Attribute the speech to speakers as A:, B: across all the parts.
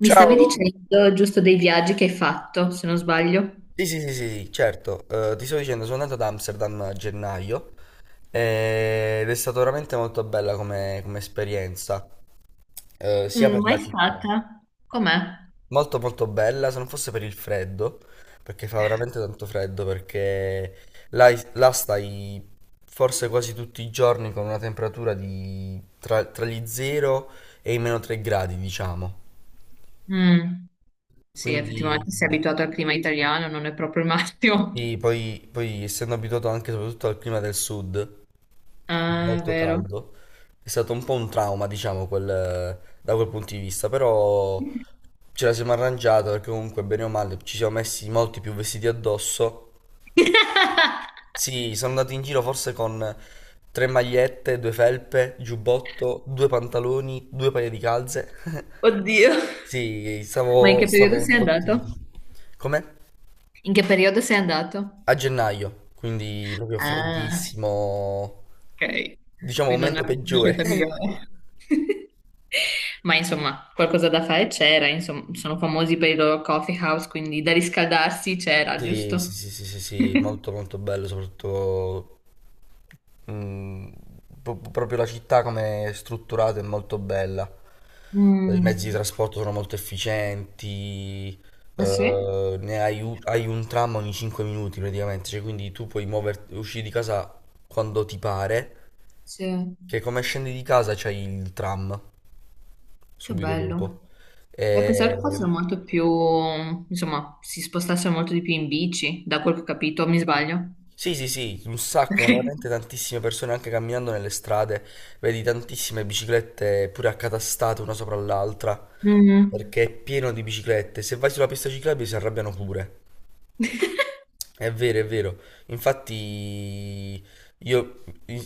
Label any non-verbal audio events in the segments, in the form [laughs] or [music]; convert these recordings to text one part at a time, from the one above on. A: Mi stavi
B: Ciao,
A: dicendo giusto dei viaggi che hai fatto, se non sbaglio.
B: sì, sì, sì, sì, sì, certo. Ti sto dicendo, sono andato ad Amsterdam a gennaio, ed è stata veramente molto bella come, esperienza, sia
A: Mm,
B: per
A: mai
B: la città,
A: stata? Com'è?
B: molto molto bella, se non fosse per il freddo, perché fa veramente tanto freddo, perché là, là stai forse quasi tutti i giorni con una temperatura di tra gli 0 e i meno 3 gradi, diciamo,
A: Mm, sì,
B: quindi...
A: effettivamente sei abituato al clima italiano, non è proprio il massimo.
B: Sì,
A: [laughs]
B: poi essendo abituato anche soprattutto al clima del sud,
A: Ah, è
B: molto
A: vero.
B: caldo, è stato un po' un trauma, diciamo, da quel punto di vista, però ce la siamo arrangiata perché comunque bene o male ci siamo messi molti più vestiti addosso.
A: [laughs]
B: Sì, sono andato in giro forse con tre magliette, due felpe, giubbotto, due pantaloni, due paia di calze. [laughs]
A: Oddio.
B: Sì,
A: Ma in
B: stavo,
A: che periodo
B: stavo
A: sei andato?
B: imbottito. Com'è?
A: In che periodo sei andato?
B: A gennaio, quindi proprio
A: Ah,
B: freddissimo,
A: ok.
B: diciamo
A: Qui non è
B: momento
A: proprio la
B: peggiore.
A: scelta
B: [laughs]
A: migliore. [laughs] Ma insomma, qualcosa da fare c'era, insomma, sono famosi per i loro coffee house, quindi da riscaldarsi c'era,
B: Sì, sì,
A: giusto?
B: sì, sì, sì,
A: [laughs]
B: sì, molto molto bello, soprattutto mm, proprio la città come è strutturata è molto bella. I mezzi di
A: Mm.
B: trasporto sono molto efficienti.
A: Ah sì?
B: Hai un tram ogni 5 minuti praticamente, cioè, quindi tu puoi muoverti, uscire di casa quando ti pare,
A: Sì.
B: che come scendi di casa c'hai il tram
A: Che
B: subito
A: bello.
B: dopo.
A: E pensavo che
B: E-
A: fossero molto più, insomma, si spostassero molto di più in bici, da quel che ho capito, mi sbaglio?
B: Sì, sì, sì, un sacco,
A: Ok.
B: ma veramente tantissime persone anche camminando nelle strade, vedi tantissime biciclette pure accatastate una sopra l'altra,
A: Mm.
B: perché è pieno di biciclette. Se vai sulla pista ciclabile si arrabbiano pure.
A: [laughs]
B: È vero, è vero. Infatti, io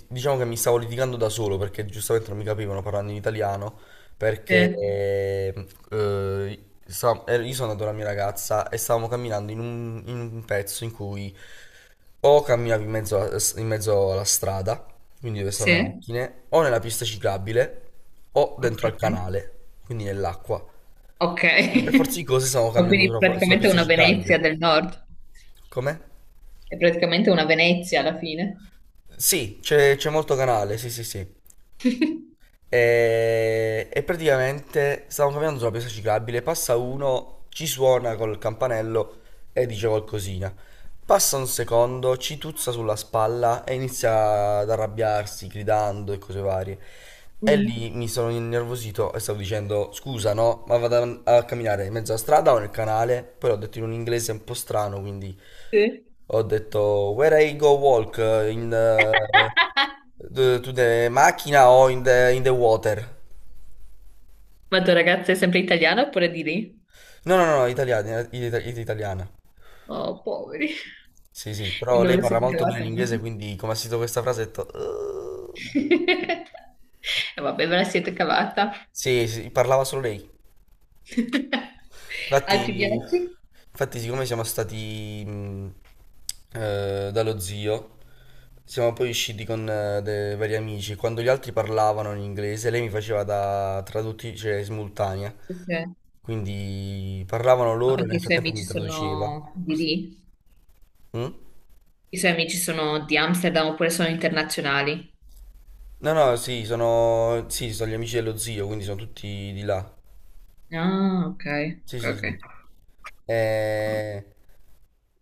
B: diciamo che mi stavo litigando da solo perché giustamente non mi capivano parlando in italiano. Perché
A: Sì.
B: io sono andato con la mia ragazza e stavamo camminando in un pezzo in cui o camminavi in mezzo alla strada, quindi dove sono le
A: Sì?
B: macchine, o nella pista ciclabile, o dentro
A: Ok.
B: al canale, quindi nell'acqua.
A: Ok.
B: E per forza di cose stavamo
A: [laughs] Ma
B: camminando
A: quindi
B: sulla
A: praticamente
B: pista
A: una Venezia
B: ciclabile.
A: del nord,
B: Com'è?
A: è praticamente una Venezia alla fine.
B: Sì, c'è molto canale, sì sì sì. E praticamente stavo camminando sulla pista ciclabile, passa uno, ci suona col campanello e dice qualcosina. Passa un secondo, ci tuzza sulla spalla e inizia ad arrabbiarsi, gridando e cose varie. E
A: Mm.
B: lì mi sono innervosito e stavo dicendo, scusa no, ma vado a camminare in mezzo alla strada o nel canale? Poi l'ho detto in un inglese un po' strano, quindi
A: Sì.
B: ho detto, "where I go walk, in the, to the macchina o in the water?"
A: Ma tua ragazza è sempre italiana oppure di lì?
B: No, no, no, italiana, italiana.
A: Oh, poveri.
B: Sì, sì,
A: E
B: però
A: non ve
B: lei
A: la
B: parla
A: siete
B: molto bene
A: cavata
B: l'inglese,
A: molto.
B: quindi come ha sentito questa frase ho detto...".
A: [laughs] E vabbè, ve la siete cavata.
B: Sì, sì, parlava solo lei.
A: [laughs] Altri
B: Infatti,
A: viaggi?
B: infatti, siccome siamo stati dallo zio, siamo poi usciti con dei vari amici. Quando gli altri parlavano in inglese, lei mi faceva da traduttrice cioè, simultanea.
A: Sì, sì.
B: Quindi parlavano
A: Ma
B: loro e
A: perché
B: nel
A: i suoi
B: frattempo
A: amici
B: mi traduceva.
A: sono di
B: S-
A: lì?
B: mm?
A: I suoi amici sono di Amsterdam oppure sono internazionali?
B: No, no, sì, sì, sono gli amici dello zio, quindi sono tutti di là.
A: Ah, ok,
B: Sì,
A: ok,
B: sì,
A: ok.
B: sì. Eh,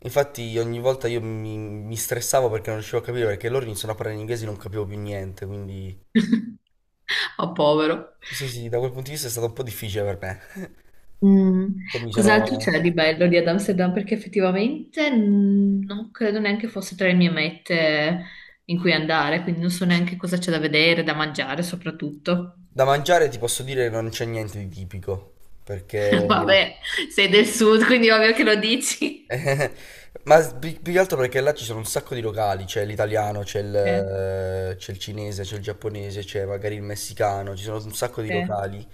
B: Infatti ogni volta io mi stressavo perché non riuscivo a capire, perché loro iniziano a parlare in inglese e non capivo più niente, quindi...
A: [laughs] Oh, povero.
B: Sì, sì, sì, da quel punto di vista è stato un po' difficile per me.
A: Mm,
B: [laughs] Poi mi
A: cos'altro c'è
B: sono...
A: di bello di ad Amsterdam? Perché effettivamente mm, non credo neanche fosse tra le mie mete in cui andare, quindi non so neanche cosa c'è da vedere, da mangiare soprattutto.
B: Da mangiare ti posso dire che non c'è niente di tipico,
A: [laughs]
B: perché
A: Vabbè, sei del sud, quindi ovvio che lo dici.
B: Eh, ma più che altro perché là ci sono un sacco di locali, c'è l'italiano, c'è il,
A: Sì,
B: eh, c'è il cinese, c'è il giapponese, c'è magari il messicano, ci sono un sacco di
A: sì.
B: locali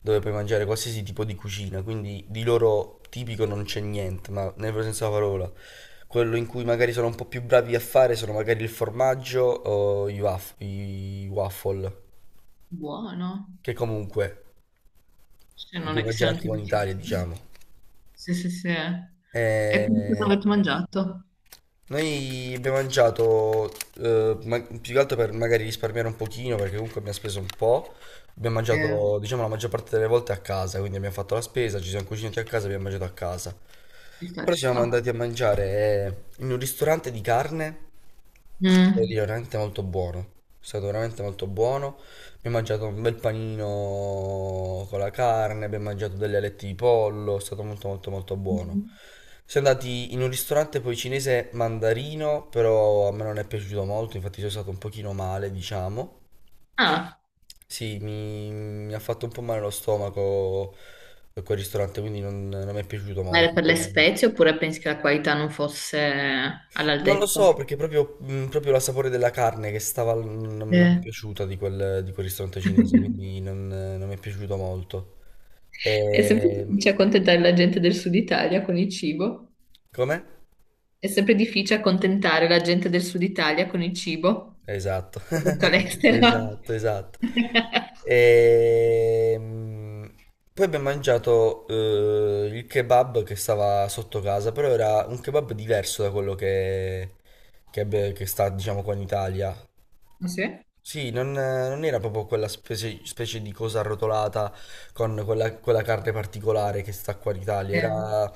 B: dove puoi mangiare qualsiasi tipo di cucina, quindi di loro tipico non c'è niente, ma nel vero senso della parola. Quello in cui magari sono un po' più bravi a fare sono magari il formaggio o i waffle,
A: Buono,
B: che comunque
A: se
B: li
A: non
B: puoi
A: è che
B: mangiare
A: siano
B: anche qua in Italia,
A: tipicissimi.
B: diciamo.
A: Sì, sì, sì. E quindi cosa
B: Eh,
A: avete mangiato?
B: Noi abbiamo mangiato, più che altro per magari risparmiare un pochino, perché comunque abbiamo speso un po'. Abbiamo
A: Eh,
B: mangiato, diciamo, la maggior parte delle volte a casa, quindi abbiamo fatto la spesa, ci siamo cucinati a casa, abbiamo mangiato a casa.
A: ci sta,
B: Però
A: ci
B: siamo
A: sta.
B: andati a mangiare in un ristorante di carne. Devo
A: Mm.
B: dire, veramente molto buono. È stato veramente molto buono. Abbiamo mangiato un bel panino con la carne, abbiamo mangiato delle alette di pollo, è stato molto molto molto buono.
A: Mm.
B: Siamo andati in un ristorante poi cinese mandarino, però a me non è piaciuto molto, infatti sono stato un pochino male, diciamo. Sì, mi ha fatto un po' male lo stomaco, quel ristorante, quindi non mi è piaciuto
A: Ma
B: molto.
A: era per le
B: Poi
A: spezie oppure pensi che la qualità non fosse
B: non lo
A: all'altezza?
B: so perché proprio la sapore della carne che stava, non mi è
A: Eh.
B: piaciuta di quel ristorante cinese,
A: [laughs]
B: quindi non mi è piaciuto molto.
A: È sempre
B: E...
A: difficile accontentare la gente del Sud Italia con il cibo.
B: Come?
A: È sempre difficile accontentare la gente del Sud Italia con il cibo,
B: Esatto,
A: soprattutto
B: [laughs]
A: all'estero.
B: esatto, esatto.
A: [laughs]
B: E... mh, Poi abbiamo mangiato il kebab che stava sotto casa, però era un kebab diverso da quello che sta, diciamo, qua in Italia.
A: Ah, sì?
B: Sì, non era proprio quella specie di cosa arrotolata con quella carne particolare che sta qua in Italia,
A: Eh.
B: era,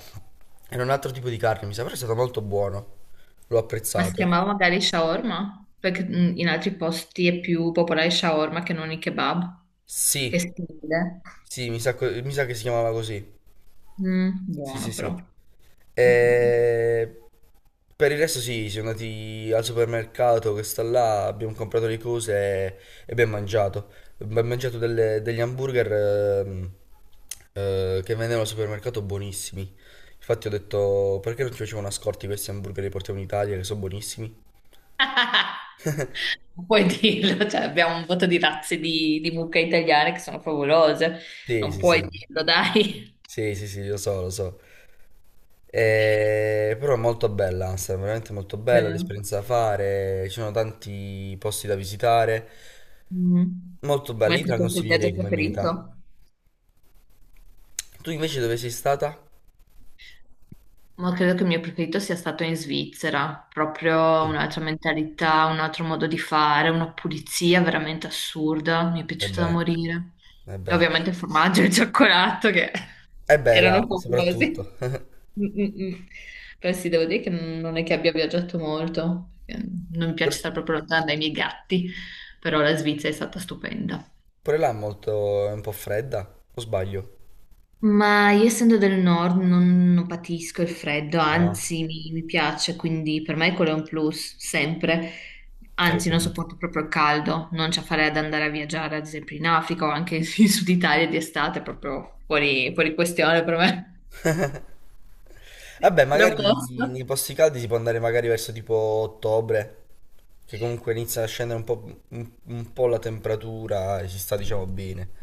B: era un altro tipo di carne, mi sa, però è stato molto buono, l'ho
A: Ma si
B: apprezzato.
A: chiamava magari shawarma? Perché in altri posti è più popolare il shawarma che non il kebab. Che
B: Sì,
A: stile.
B: sì, mi sa che si chiamava così.
A: Mm,
B: Sì,
A: buono
B: sì,
A: però.
B: sì.
A: Mm, mm, mm.
B: E per il resto sì, siamo andati al supermercato che sta là, abbiamo comprato le cose e abbiamo mangiato. Abbiamo mangiato degli hamburger che vendevano al supermercato buonissimi. Infatti ho detto, perché non ci facevano a scorti questi hamburger che li portiamo in Italia che sono buonissimi?
A: [laughs] Non puoi dirlo, [laughs] cioè abbiamo un voto di razze di mucche italiane che sono favolose,
B: Sì,
A: non
B: sì,
A: puoi
B: sì.
A: dirlo, dai.
B: Sì, sì, sì, lo so, lo so. Però è molto bella, Amsterdam, veramente molto bella,
A: Eh,
B: l'esperienza da fare, ci sono tanti posti da visitare.
A: mm.
B: Molto
A: Ma
B: bella,
A: è
B: io te la
A: stato il tuo viaggio
B: consiglierei come meta.
A: preferito?
B: Tu invece dove sei stata?
A: Ma credo che il mio preferito sia stato in Svizzera, proprio un'altra mentalità, un altro modo di fare, una pulizia veramente assurda, mi è
B: E
A: piaciuta da
B: beh,
A: morire.
B: e
A: E
B: beh,
A: ovviamente il formaggio e il cioccolato che
B: e
A: [laughs]
B: beh
A: erano
B: là,
A: fabulosi.
B: soprattutto. [laughs]
A: Mm, mm, mm. Però sì, devo dire che non è che abbia viaggiato molto, perché non mi piace
B: Pure
A: stare proprio lontana dai miei gatti, però la Svizzera è stata stupenda.
B: pure là è un po' fredda, o sbaglio?
A: Ma io essendo del nord non patisco il freddo,
B: Ah,
A: anzi mi piace, quindi per me quello è un plus, sempre.
B: ho
A: Anzi, non
B: capito.
A: sopporto proprio il caldo, non ci farei ad andare a viaggiare, ad esempio in Africa o anche [laughs] in Sud Italia di estate, proprio fuori, fuori questione per me.
B: Vabbè,
A: [laughs]
B: magari
A: L'opposto.
B: nei posti caldi si può andare magari verso tipo ottobre, che comunque inizia a scendere un po' la temperatura e si sta diciamo bene.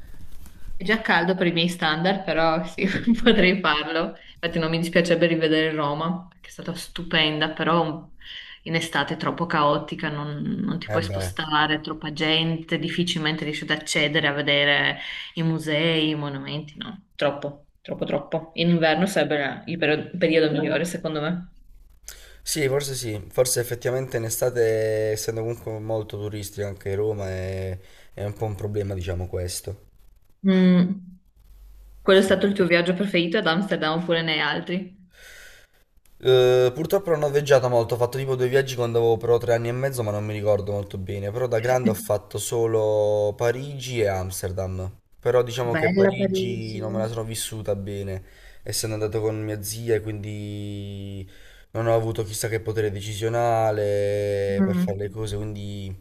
A: È già caldo per i miei standard, però sì, [laughs] potrei farlo. Infatti non mi dispiacerebbe rivedere Roma, perché è stata stupenda, però in estate è troppo caotica, non ti
B: E
A: puoi
B: beh.
A: spostare, troppa gente, difficilmente riesci ad accedere a vedere i musei, i monumenti, no? Troppo, troppo, troppo. In inverno sarebbe il periodo migliore, secondo me.
B: Sì, forse effettivamente in estate, essendo comunque molto turistico anche Roma, è un po' un problema, diciamo questo.
A: Mm, quello è stato
B: Sì.
A: il tuo viaggio preferito ad Amsterdam oppure ne hai altri?
B: Purtroppo non ho viaggiato molto, ho fatto tipo due viaggi quando avevo però 3 anni e mezzo, ma non mi ricordo molto bene. Però da grande ho fatto
A: [laughs]
B: solo Parigi e Amsterdam. Però diciamo che
A: Bella
B: Parigi
A: Parigi.
B: non me la sono vissuta bene, essendo andato con mia zia e quindi non ho avuto chissà che potere decisionale per
A: Mm.
B: fare le cose, quindi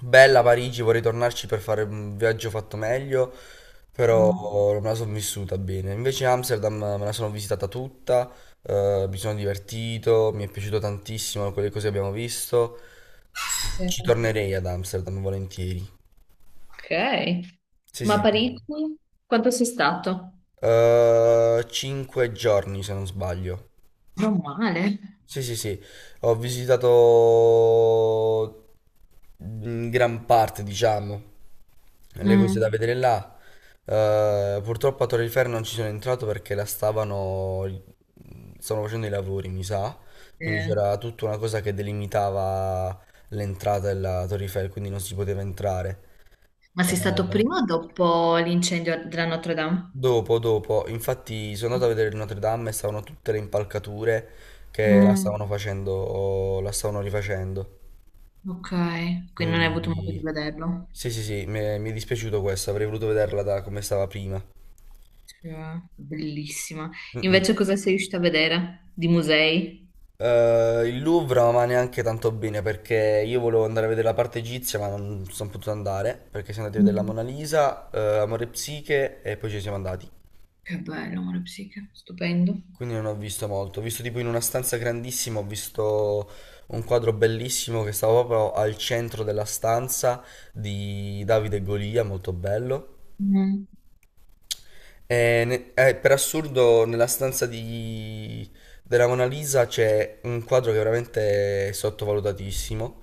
B: bella Parigi, vorrei tornarci per fare un viaggio fatto meglio, però
A: Mm.
B: non me la sono vissuta bene. Invece Amsterdam me la sono visitata tutta, mi sono divertito, mi è piaciuto tantissimo quelle cose che abbiamo visto.
A: Sì.
B: Ci tornerei ad Amsterdam volentieri.
A: Ok.
B: Sì,
A: Ma a
B: sì.
A: Parigi quanto sei stato?
B: 5 giorni se non sbaglio.
A: Non male.
B: Sì, sì, sì, ho visitato in gran parte, diciamo, le cose da
A: Mm.
B: vedere là. Purtroppo a Torre Eiffel non ci sono entrato perché stavano facendo i lavori, mi sa, quindi
A: Eh,
B: c'era tutta una cosa che delimitava l'entrata della Torre Eiffel, quindi non si poteva entrare.
A: ma
B: E
A: sei stato prima o dopo l'incendio della Notre Dame?
B: dopo, dopo, infatti sono andato a vedere il Notre Dame e stavano tutte le impalcature che la
A: Mm.
B: stavano facendo, la stavano rifacendo.
A: Ok, quindi non hai avuto modo di
B: Quindi
A: vederlo.
B: sì, sì, sì, mi è dispiaciuto questo, avrei voluto vederla da come stava prima.
A: Sì. Bellissima.
B: Mm, mm.
A: Invece cosa sei riuscita a vedere? Di musei?
B: Il Louvre non va neanche tanto bene perché io volevo andare a vedere la parte egizia, ma non sono potuto andare perché siamo andati a vedere la
A: Mm.
B: Mona Lisa, Amore e Psiche e poi ci siamo andati.
A: Che bello, amore psiche, stupendo.
B: Quindi non ho visto molto. Ho visto tipo in una stanza grandissima, ho visto un quadro bellissimo che stava proprio al centro della stanza di Davide e Golia, molto bello.
A: Mm.
B: E per assurdo, nella stanza della Mona Lisa c'è un quadro che è veramente sottovalutatissimo.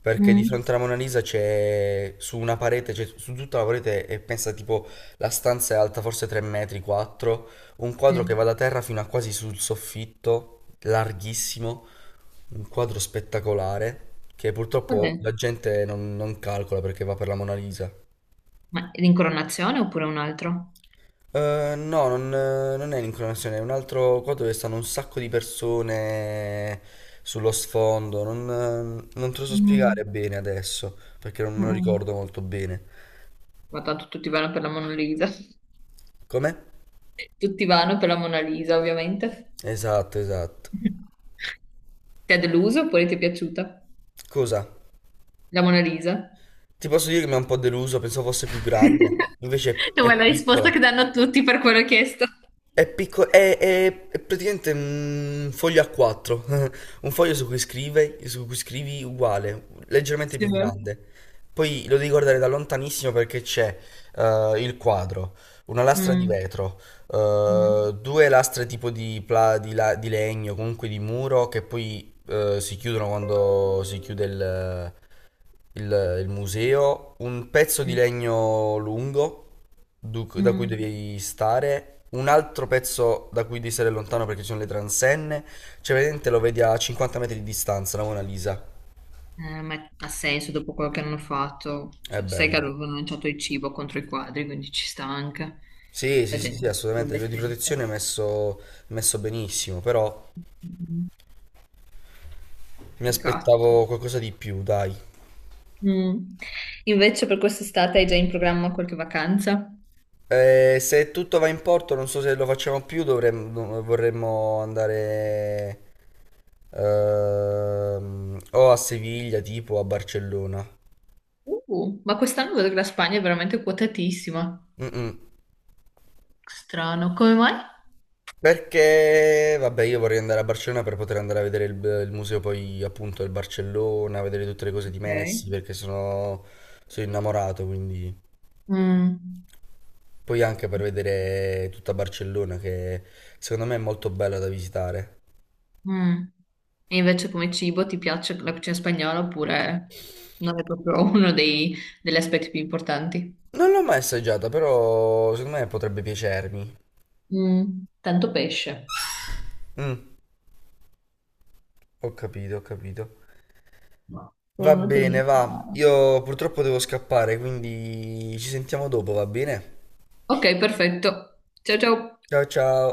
B: Perché di
A: Mm.
B: fronte alla Mona Lisa c'è su una parete, cioè su tutta la parete, e pensa tipo la stanza è alta forse 3 metri, 4, un quadro che
A: Sì.
B: va da terra fino a quasi sul soffitto, larghissimo, un quadro spettacolare che
A: Qual
B: purtroppo
A: è?
B: la gente non calcola perché va per la Mona Lisa.
A: Ma è l'incoronazione oppure un altro?
B: No, non è l'incronazione, è un altro qua dove stanno un sacco di persone sullo sfondo. Non te lo so spiegare
A: Mm.
B: bene adesso, perché non me lo
A: Mm.
B: ricordo molto bene.
A: Ma tanto tutti vanno per la Mona Lisa. [laughs]
B: Come?
A: Tutti vanno per la Mona Lisa, ovviamente.
B: Esatto, esatto.
A: [laughs] Ti ha deluso oppure ti è piaciuta?
B: Cosa?
A: La Mona Lisa?
B: Ti posso dire che mi ha un po' deluso, pensavo fosse più grande,
A: [laughs]
B: invece è,
A: No, è
B: è
A: la risposta
B: piccola.
A: che danno tutti per quello chiesto.
B: È piccolo, è praticamente un foglio A4. [laughs] Un foglio su cui scrivi uguale, leggermente
A: Sì.
B: più grande. Poi lo devi guardare da lontanissimo perché c'è il quadro, una lastra di
A: Mm,
B: vetro,
A: mm,
B: due lastre tipo di legno, comunque di muro, che poi si chiudono quando si chiude il museo, un pezzo di
A: mm,
B: legno lungo da cui
A: mm.
B: devi stare, un altro pezzo da cui devi stare lontano perché ci sono le transenne, cioè vedente lo vedi a 50 metri di distanza, la Mona Lisa.
A: Ma ha senso dopo quello che hanno fatto.
B: Eh
A: Cioè,
B: beh,
A: sai che
B: beh.
A: avevano lanciato il cibo contro i quadri, quindi ci sta anche.
B: Sì,
A: La
B: sì, sì,
A: gente
B: sì,
A: è
B: assolutamente, a livello di
A: indecente.
B: protezione è messo benissimo, però
A: Mm,
B: mi
A: peccato.
B: aspettavo qualcosa di più, dai.
A: Mm. Invece per quest'estate hai già in programma qualche vacanza?
B: Se tutto va in porto, non so se lo facciamo più, dovremmo, vorremmo andare o a Siviglia, tipo o a Barcellona.
A: Ma quest'anno vedo che la Spagna è veramente quotatissima.
B: Mm-mm.
A: Strano, come mai?
B: Perché, vabbè, io vorrei andare a Barcellona per poter andare a vedere il museo poi appunto del Barcellona, vedere tutte le cose di
A: Ok.
B: Messi, perché sono innamorato, quindi...
A: Mm.
B: Poi anche per vedere tutta Barcellona, che secondo me è molto bella da visitare.
A: Mm. E invece come cibo ti piace la cucina spagnola oppure non è proprio [laughs] uno degli aspetti più importanti?
B: Non l'ho mai assaggiata, però secondo me potrebbe piacermi.
A: Mm. Tanto pesce.
B: Mm, ho capito, ho capito.
A: No,
B: Va
A: quello non è per
B: bene,
A: niente
B: va.
A: male.
B: Io purtroppo devo scappare, quindi ci sentiamo dopo, va bene?
A: Ok, perfetto. Ciao ciao.
B: Ciao ciao.